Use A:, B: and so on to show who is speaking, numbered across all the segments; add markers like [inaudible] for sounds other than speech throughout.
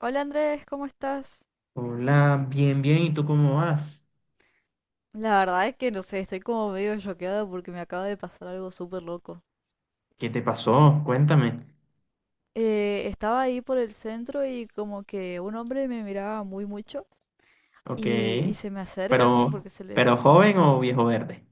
A: Hola Andrés, ¿cómo estás?
B: Hola, bien, bien. ¿Y tú cómo vas?
A: La verdad es que no sé, estoy como medio choqueada porque me acaba de pasar algo súper loco.
B: ¿Qué te pasó? Cuéntame.
A: Estaba ahí por el centro y como que un hombre me miraba muy mucho
B: Ok.
A: y se me acerca
B: Pero,
A: así porque se le...
B: pero joven o viejo verde?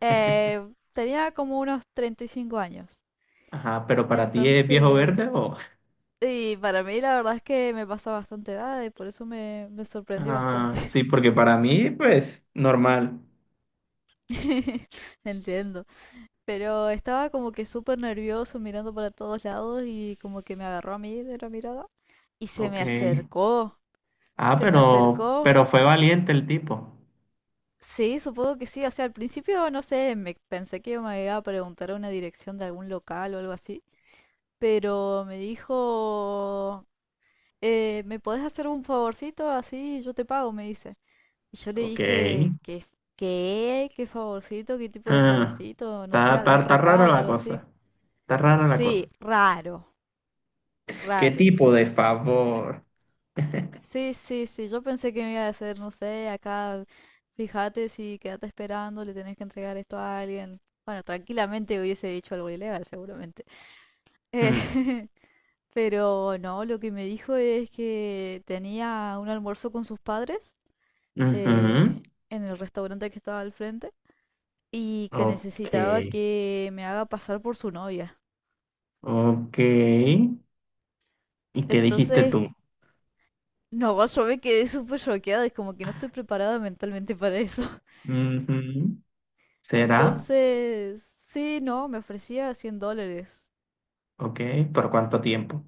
A: Eh, tenía como unos 35 años.
B: Ajá, pero para ti es viejo verde
A: Entonces...
B: o... [laughs]
A: Y para mí la verdad es que me pasa bastante edad y por eso me sorprendió
B: Ah,
A: bastante.
B: sí, porque para mí, pues, normal.
A: [laughs] Entiendo. Pero estaba como que súper nervioso mirando para todos lados y como que me agarró a mí de la mirada y se
B: Ok.
A: me acercó,
B: Ah,
A: se me
B: pero,
A: acercó.
B: pero fue valiente el tipo.
A: Sí, supongo que sí. O sea, al principio no sé, me pensé que me iba a preguntar una dirección de algún local o algo así, pero me dijo, ¿me podés hacer un favorcito? Así yo te pago, me dice. Y yo le
B: Ok.
A: dije que, ¿qué? ¿Qué favorcito? ¿Qué tipo de
B: Ah,
A: favorcito? No sé,
B: está, está,
A: algún
B: está rara
A: recado,
B: la
A: algo así.
B: cosa. Está rara la cosa.
A: Sí, raro.
B: [laughs] ¿Qué
A: Raro,
B: tipo
A: dije.
B: de favor?
A: Sí, sí, sí, yo pensé que me iba a hacer, no sé, acá, fíjate si quédate esperando, le tenés que entregar esto a alguien. Bueno, tranquilamente hubiese dicho algo ilegal, seguramente. Eh,
B: Hmm,
A: [laughs] pero no, lo que me dijo es que tenía un almuerzo con sus padres eh,
B: ujú.
A: en el restaurante que estaba al frente y que
B: Ok.
A: necesitaba que me haga pasar por su novia.
B: Ok. ¿Y qué dijiste
A: Entonces,
B: tú?
A: no, yo me quedé súper choqueada, es como que no estoy preparada mentalmente para eso.
B: Ujú, ¿será?
A: Entonces, sí, no, me ofrecía $100,
B: Ok, ¿por cuánto tiempo?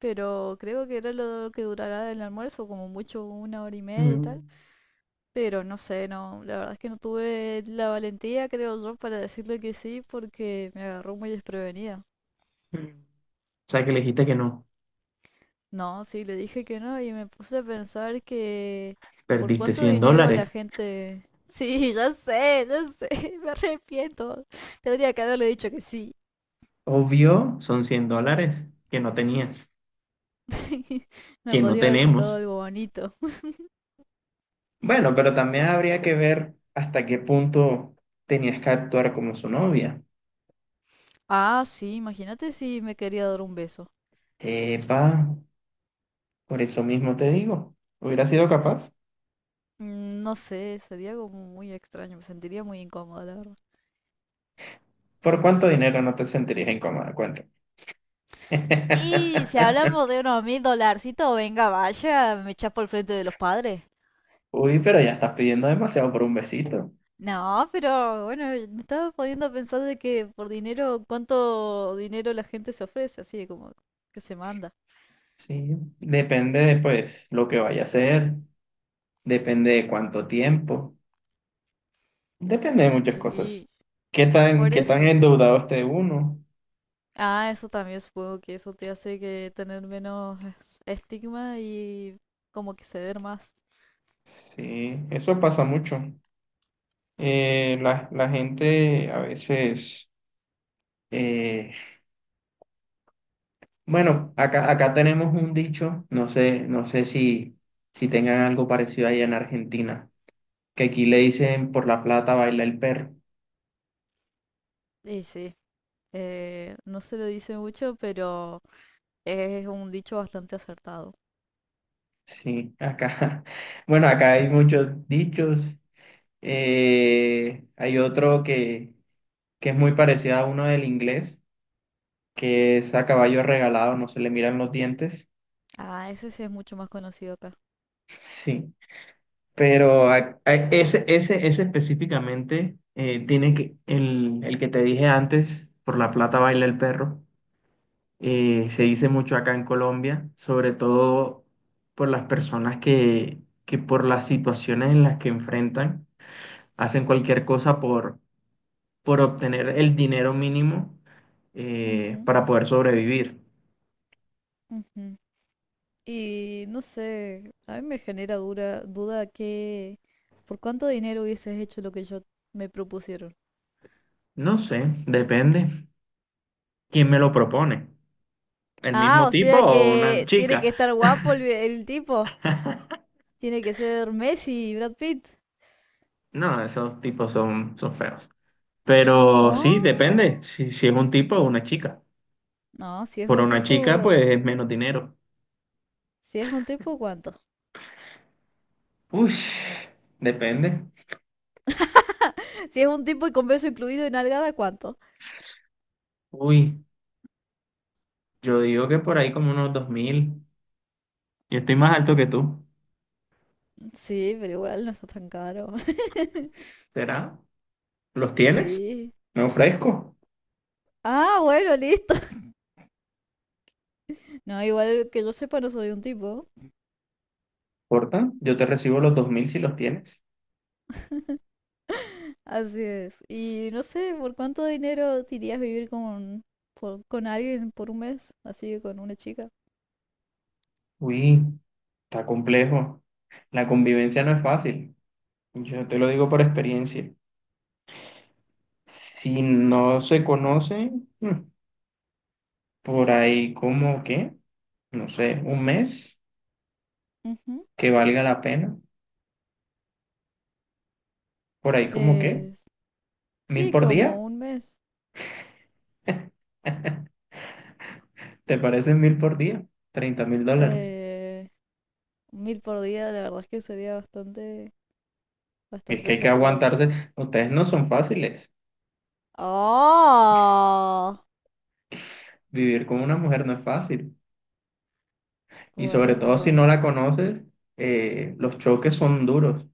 A: pero creo que era lo que durará el almuerzo, como mucho una hora y media y tal.
B: Mm,
A: Pero no sé, no, la verdad es que no tuve la valentía, creo yo, para decirle que sí, porque me agarró muy desprevenida.
B: mm. O sea que le dijiste que no.
A: No, sí, le dije que no y me puse a pensar que por
B: Perdiste
A: cuánto
B: 100
A: dinero la
B: dólares.
A: gente... [laughs] Sí, ya sé, [laughs] me arrepiento. Tendría que haberle dicho que sí.
B: Obvio, son $100 que no tenías,
A: [laughs] Me
B: que no
A: podría haber comprado
B: tenemos.
A: algo bonito.
B: Bueno, pero también habría que ver hasta qué punto tenías que actuar como su novia.
A: Ah, sí, imagínate si me quería dar un beso.
B: Epa, por eso mismo te digo, hubiera sido capaz.
A: No sé, sería como muy extraño, me sentiría muy incómoda, la verdad.
B: ¿Por cuánto dinero no te sentirías incómoda? Cuéntame.
A: Y si hablamos
B: [laughs]
A: de unos 1000 dolarcitos, venga, vaya, me chapo al frente de los padres.
B: Uy, pero ya estás pidiendo demasiado por un besito.
A: No, pero bueno, me estaba poniendo a pensar de que por dinero, cuánto dinero la gente se ofrece, así como que se manda.
B: Sí, depende de pues lo que vaya a hacer, depende de cuánto tiempo, depende de muchas
A: Sí,
B: cosas. ¿Qué tan,
A: por
B: qué tan
A: eso.
B: endeudado esté uno?
A: Ah, eso también supongo que eso te hace que tener menos estigma y como que ceder más.
B: Sí, eso pasa mucho. La gente a veces, eh, bueno, acá tenemos un dicho, no sé si tengan algo parecido allá en Argentina, que aquí le dicen por la plata baila el perro.
A: Y sí. No se lo dice mucho, pero es un dicho bastante acertado.
B: Sí, acá, [laughs] bueno, acá hay muchos dichos. Hay otro que es muy parecido a uno del inglés, que es a caballo regalado, no se le miran los dientes.
A: Ah, ese sí es mucho más conocido acá.
B: [laughs] Sí. Pero ese específicamente tiene que, el que te dije antes, por la plata baila el perro, se dice mucho acá en Colombia, sobre todo por las personas que por las situaciones en las que enfrentan, hacen cualquier cosa por obtener el dinero mínimo
A: Ujú,
B: para poder sobrevivir.
A: ujú. Y no sé, a mí me genera dura duda que por cuánto dinero hubieses hecho lo que yo me propusieron.
B: No sé, depende quién me lo propone, el
A: Ah,
B: mismo
A: o
B: tipo
A: sea
B: o una
A: que tiene que
B: chica.
A: estar guapo el tipo.
B: [laughs]
A: Tiene que ser Messi y Brad Pitt.
B: No, esos tipos son feos. Pero sí, depende
A: Oh,
B: si es un tipo o una chica.
A: no, si es
B: Por
A: un
B: una chica,
A: tipo,
B: pues es menos dinero.
A: si es un tipo, ¿cuánto?
B: Uy, depende.
A: [laughs] Si es un tipo y con beso incluido y nalgada, ¿cuánto?
B: Uy, yo digo que por ahí como unos 2000. Yo estoy más alto que tú.
A: Sí, pero igual no está tan caro. [laughs]
B: ¿Será? ¿Los tienes?
A: Sí.
B: Me ofrezco.
A: Ah, bueno, listo. [laughs] No, igual que yo sepa, no soy un tipo.
B: Porta, yo te recibo los 2000 si los tienes.
A: Así es. Y no sé, ¿por cuánto dinero te irías a vivir con alguien por un mes? Así, con una chica.
B: Uy, está complejo. La convivencia no es fácil. Yo te lo digo por experiencia. Si no se conocen, por ahí como que, no sé, un mes
A: Ujú.
B: que valga la pena. Por ahí como que,
A: Eh,
B: 1000
A: sí,
B: por día.
A: como un mes.
B: [laughs] ¿Te parecen 1000 por día? $30,000.
A: Eh, mil por día, la verdad es que sería bastante,
B: Y es
A: bastante
B: que hay que
A: acertado.
B: aguantarse. Ustedes no son fáciles.
A: Oh.
B: Vivir con una mujer no es fácil. Y sobre
A: Bueno,
B: todo si no
A: pero...
B: la conoces, los choques son duros.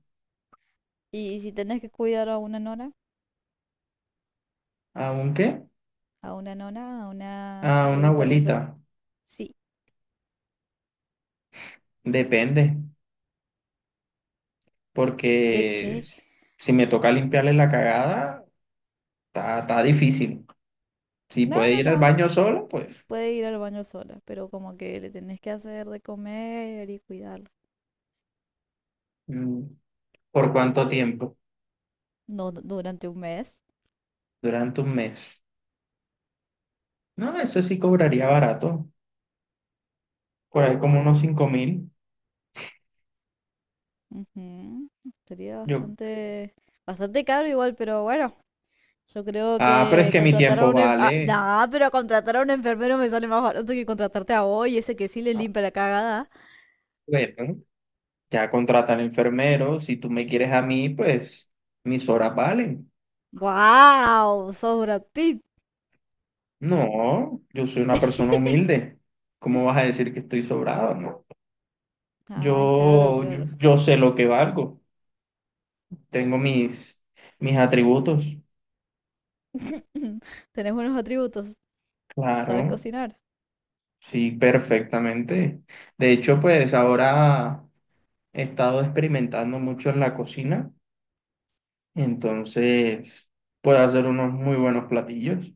A: ¿Y si tenés que cuidar a una nora?
B: Aunque.
A: A una nona, a una
B: A una
A: adulta
B: abuelita.
A: mayor, sí.
B: Depende,
A: ¿De
B: porque
A: qué?
B: si me toca limpiarle la cagada, está difícil. Si
A: No,
B: puede
A: no,
B: ir al
A: no.
B: baño solo, pues
A: Puede ir al baño sola, pero como que le tenés que hacer de comer y cuidarlo.
B: mm, ¿por cuánto tiempo?
A: No, durante un mes.
B: Durante un mes. No, eso sí cobraría barato, por ahí como unos 5000.
A: Ujú. Sería
B: Yo,
A: bastante, bastante caro igual, pero bueno. Yo creo
B: pero es
A: que
B: que mi
A: contratar a
B: tiempo
A: un... en-
B: vale.
A: pero contratar a un enfermero me sale más barato que contratarte a vos, y ese que sí le
B: A
A: limpia la cagada.
B: ver, ya contratan enfermeros, si tú me quieres a mí, pues mis horas valen.
A: ¡Guau! Sos Brad Pitt.
B: No, yo soy una persona humilde. ¿Cómo vas a decir que estoy sobrado? No.
A: Ah, claro,
B: Yo, yo,
A: claro.
B: yo sé lo que valgo. Tengo mis atributos.
A: [laughs] Tenés buenos atributos. ¿Sabes
B: Claro,
A: cocinar?
B: sí, perfectamente. De hecho, pues ahora he estado experimentando mucho en la cocina, entonces puedo hacer unos muy buenos platillos.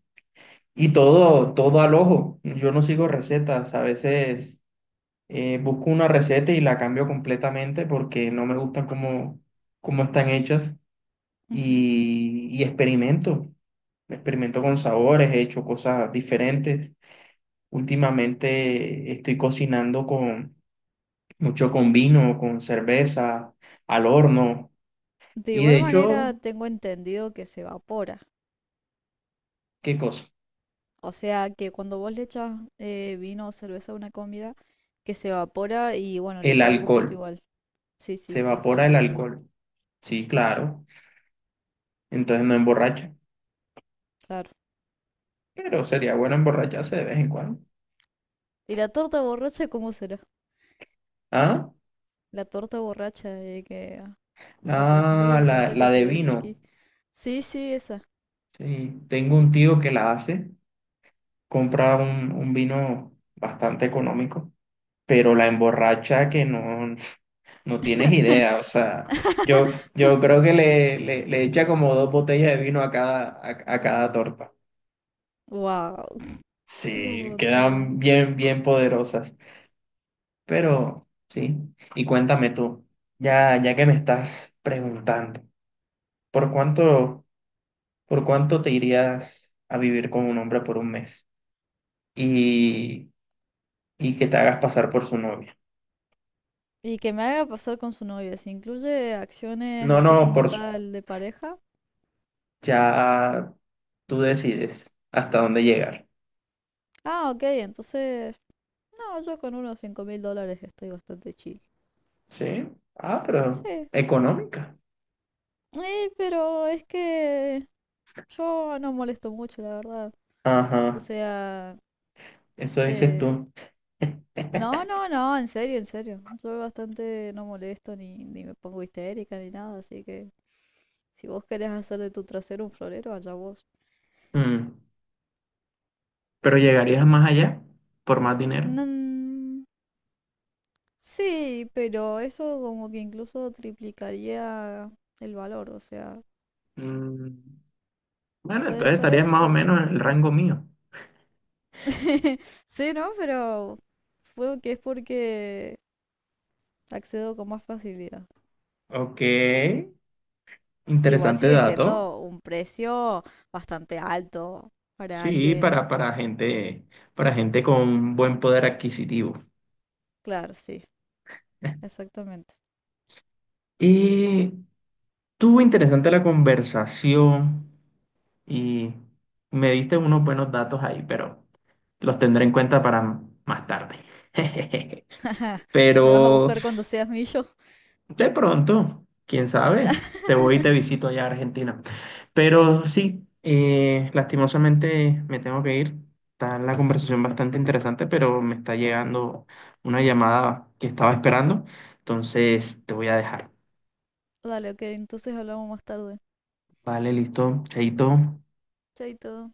B: Y todo, todo al ojo. Yo no sigo recetas. A veces busco una receta y la cambio completamente porque no me gustan cómo están hechas.
A: Ujú.
B: Y experimento. Experimento con sabores, he hecho cosas diferentes. Últimamente estoy cocinando con mucho con vino, con cerveza, al horno.
A: De
B: Y de
A: igual manera,
B: hecho,
A: tengo entendido que se evapora.
B: ¿qué cosa?
A: O sea, que cuando vos le echas vino o cerveza a una comida, que se evapora y bueno, le
B: El
A: queda el gustito
B: alcohol.
A: igual. Sí,
B: Se
A: sí, sí,
B: evapora
A: el
B: el
A: alcohol,
B: alcohol. Sí, claro. Entonces no emborracha.
A: claro.
B: Pero sería bueno emborracharse de vez en cuando.
A: ¿Y la torta borracha cómo será?
B: ¿Ah?
A: La torta borracha, que... Ah, por ejemplo, hay
B: Ah,
A: una
B: la,
A: torta que
B: la
A: se
B: de
A: le dice
B: vino.
A: aquí. Sí, sí, esa.
B: Sí, tengo un tío que la hace. Compra un vino bastante económico, pero la emborracha que no, [laughs] no tienes idea. O sea, yo creo que le echa como dos botellas de vino a cada torta.
A: Wow, [laughs] es un
B: Sí,
A: montón.
B: quedan bien, bien poderosas. Pero sí, y cuéntame tú, ya que me estás preguntando, ¿por cuánto? ¿Por cuánto te irías a vivir con un hombre por un mes y, y que te hagas pasar por su novia?
A: Y que me haga pasar con su novia. Si incluye acciones
B: No,
A: así
B: no,
A: como tal de pareja.
B: ya tú decides hasta dónde llegar.
A: Ah, ok, entonces... No, yo con unos $5000 estoy bastante chill.
B: ¿Sí? Ah, pero
A: Sí.
B: económica.
A: Pero es que yo no molesto mucho, la verdad. O
B: Ajá,
A: sea,
B: eso dices
A: eh,
B: tú. [laughs]
A: no, no, no, en serio, en serio. Yo bastante no molesto ni me pongo histérica ni nada, así que si vos querés hacer de tu trasero un florero, allá vos.
B: Mm, Pero llegarías más allá por más dinero.
A: Mm, sí, pero eso como que incluso triplicaría el valor, o sea,
B: Mm, Bueno,
A: puede
B: entonces estarías
A: ser,
B: más o
A: pero...
B: menos en el rango mío.
A: [laughs] Sí, ¿no? Pero supongo que es porque accedo con más facilidad.
B: Ok,
A: Igual
B: interesante
A: sigue
B: dato.
A: siendo un precio bastante alto para
B: Sí, para,
A: alguien.
B: para gente, para gente con buen poder adquisitivo.
A: Claro, sí, exactamente.
B: Y estuvo interesante la conversación y me diste unos buenos datos ahí, pero los tendré en cuenta para más tarde. [laughs]
A: [laughs] Me vas a
B: Pero
A: buscar cuando seas millo.
B: de pronto, quién sabe, te voy y te
A: [laughs]
B: visito allá a Argentina. Pero sí, lastimosamente me tengo que ir. Está la conversación bastante interesante, pero me está llegando una llamada que estaba esperando. Entonces te voy a dejar.
A: Dale, ok, entonces hablamos más tarde.
B: Vale, listo, chaito.
A: Chaito.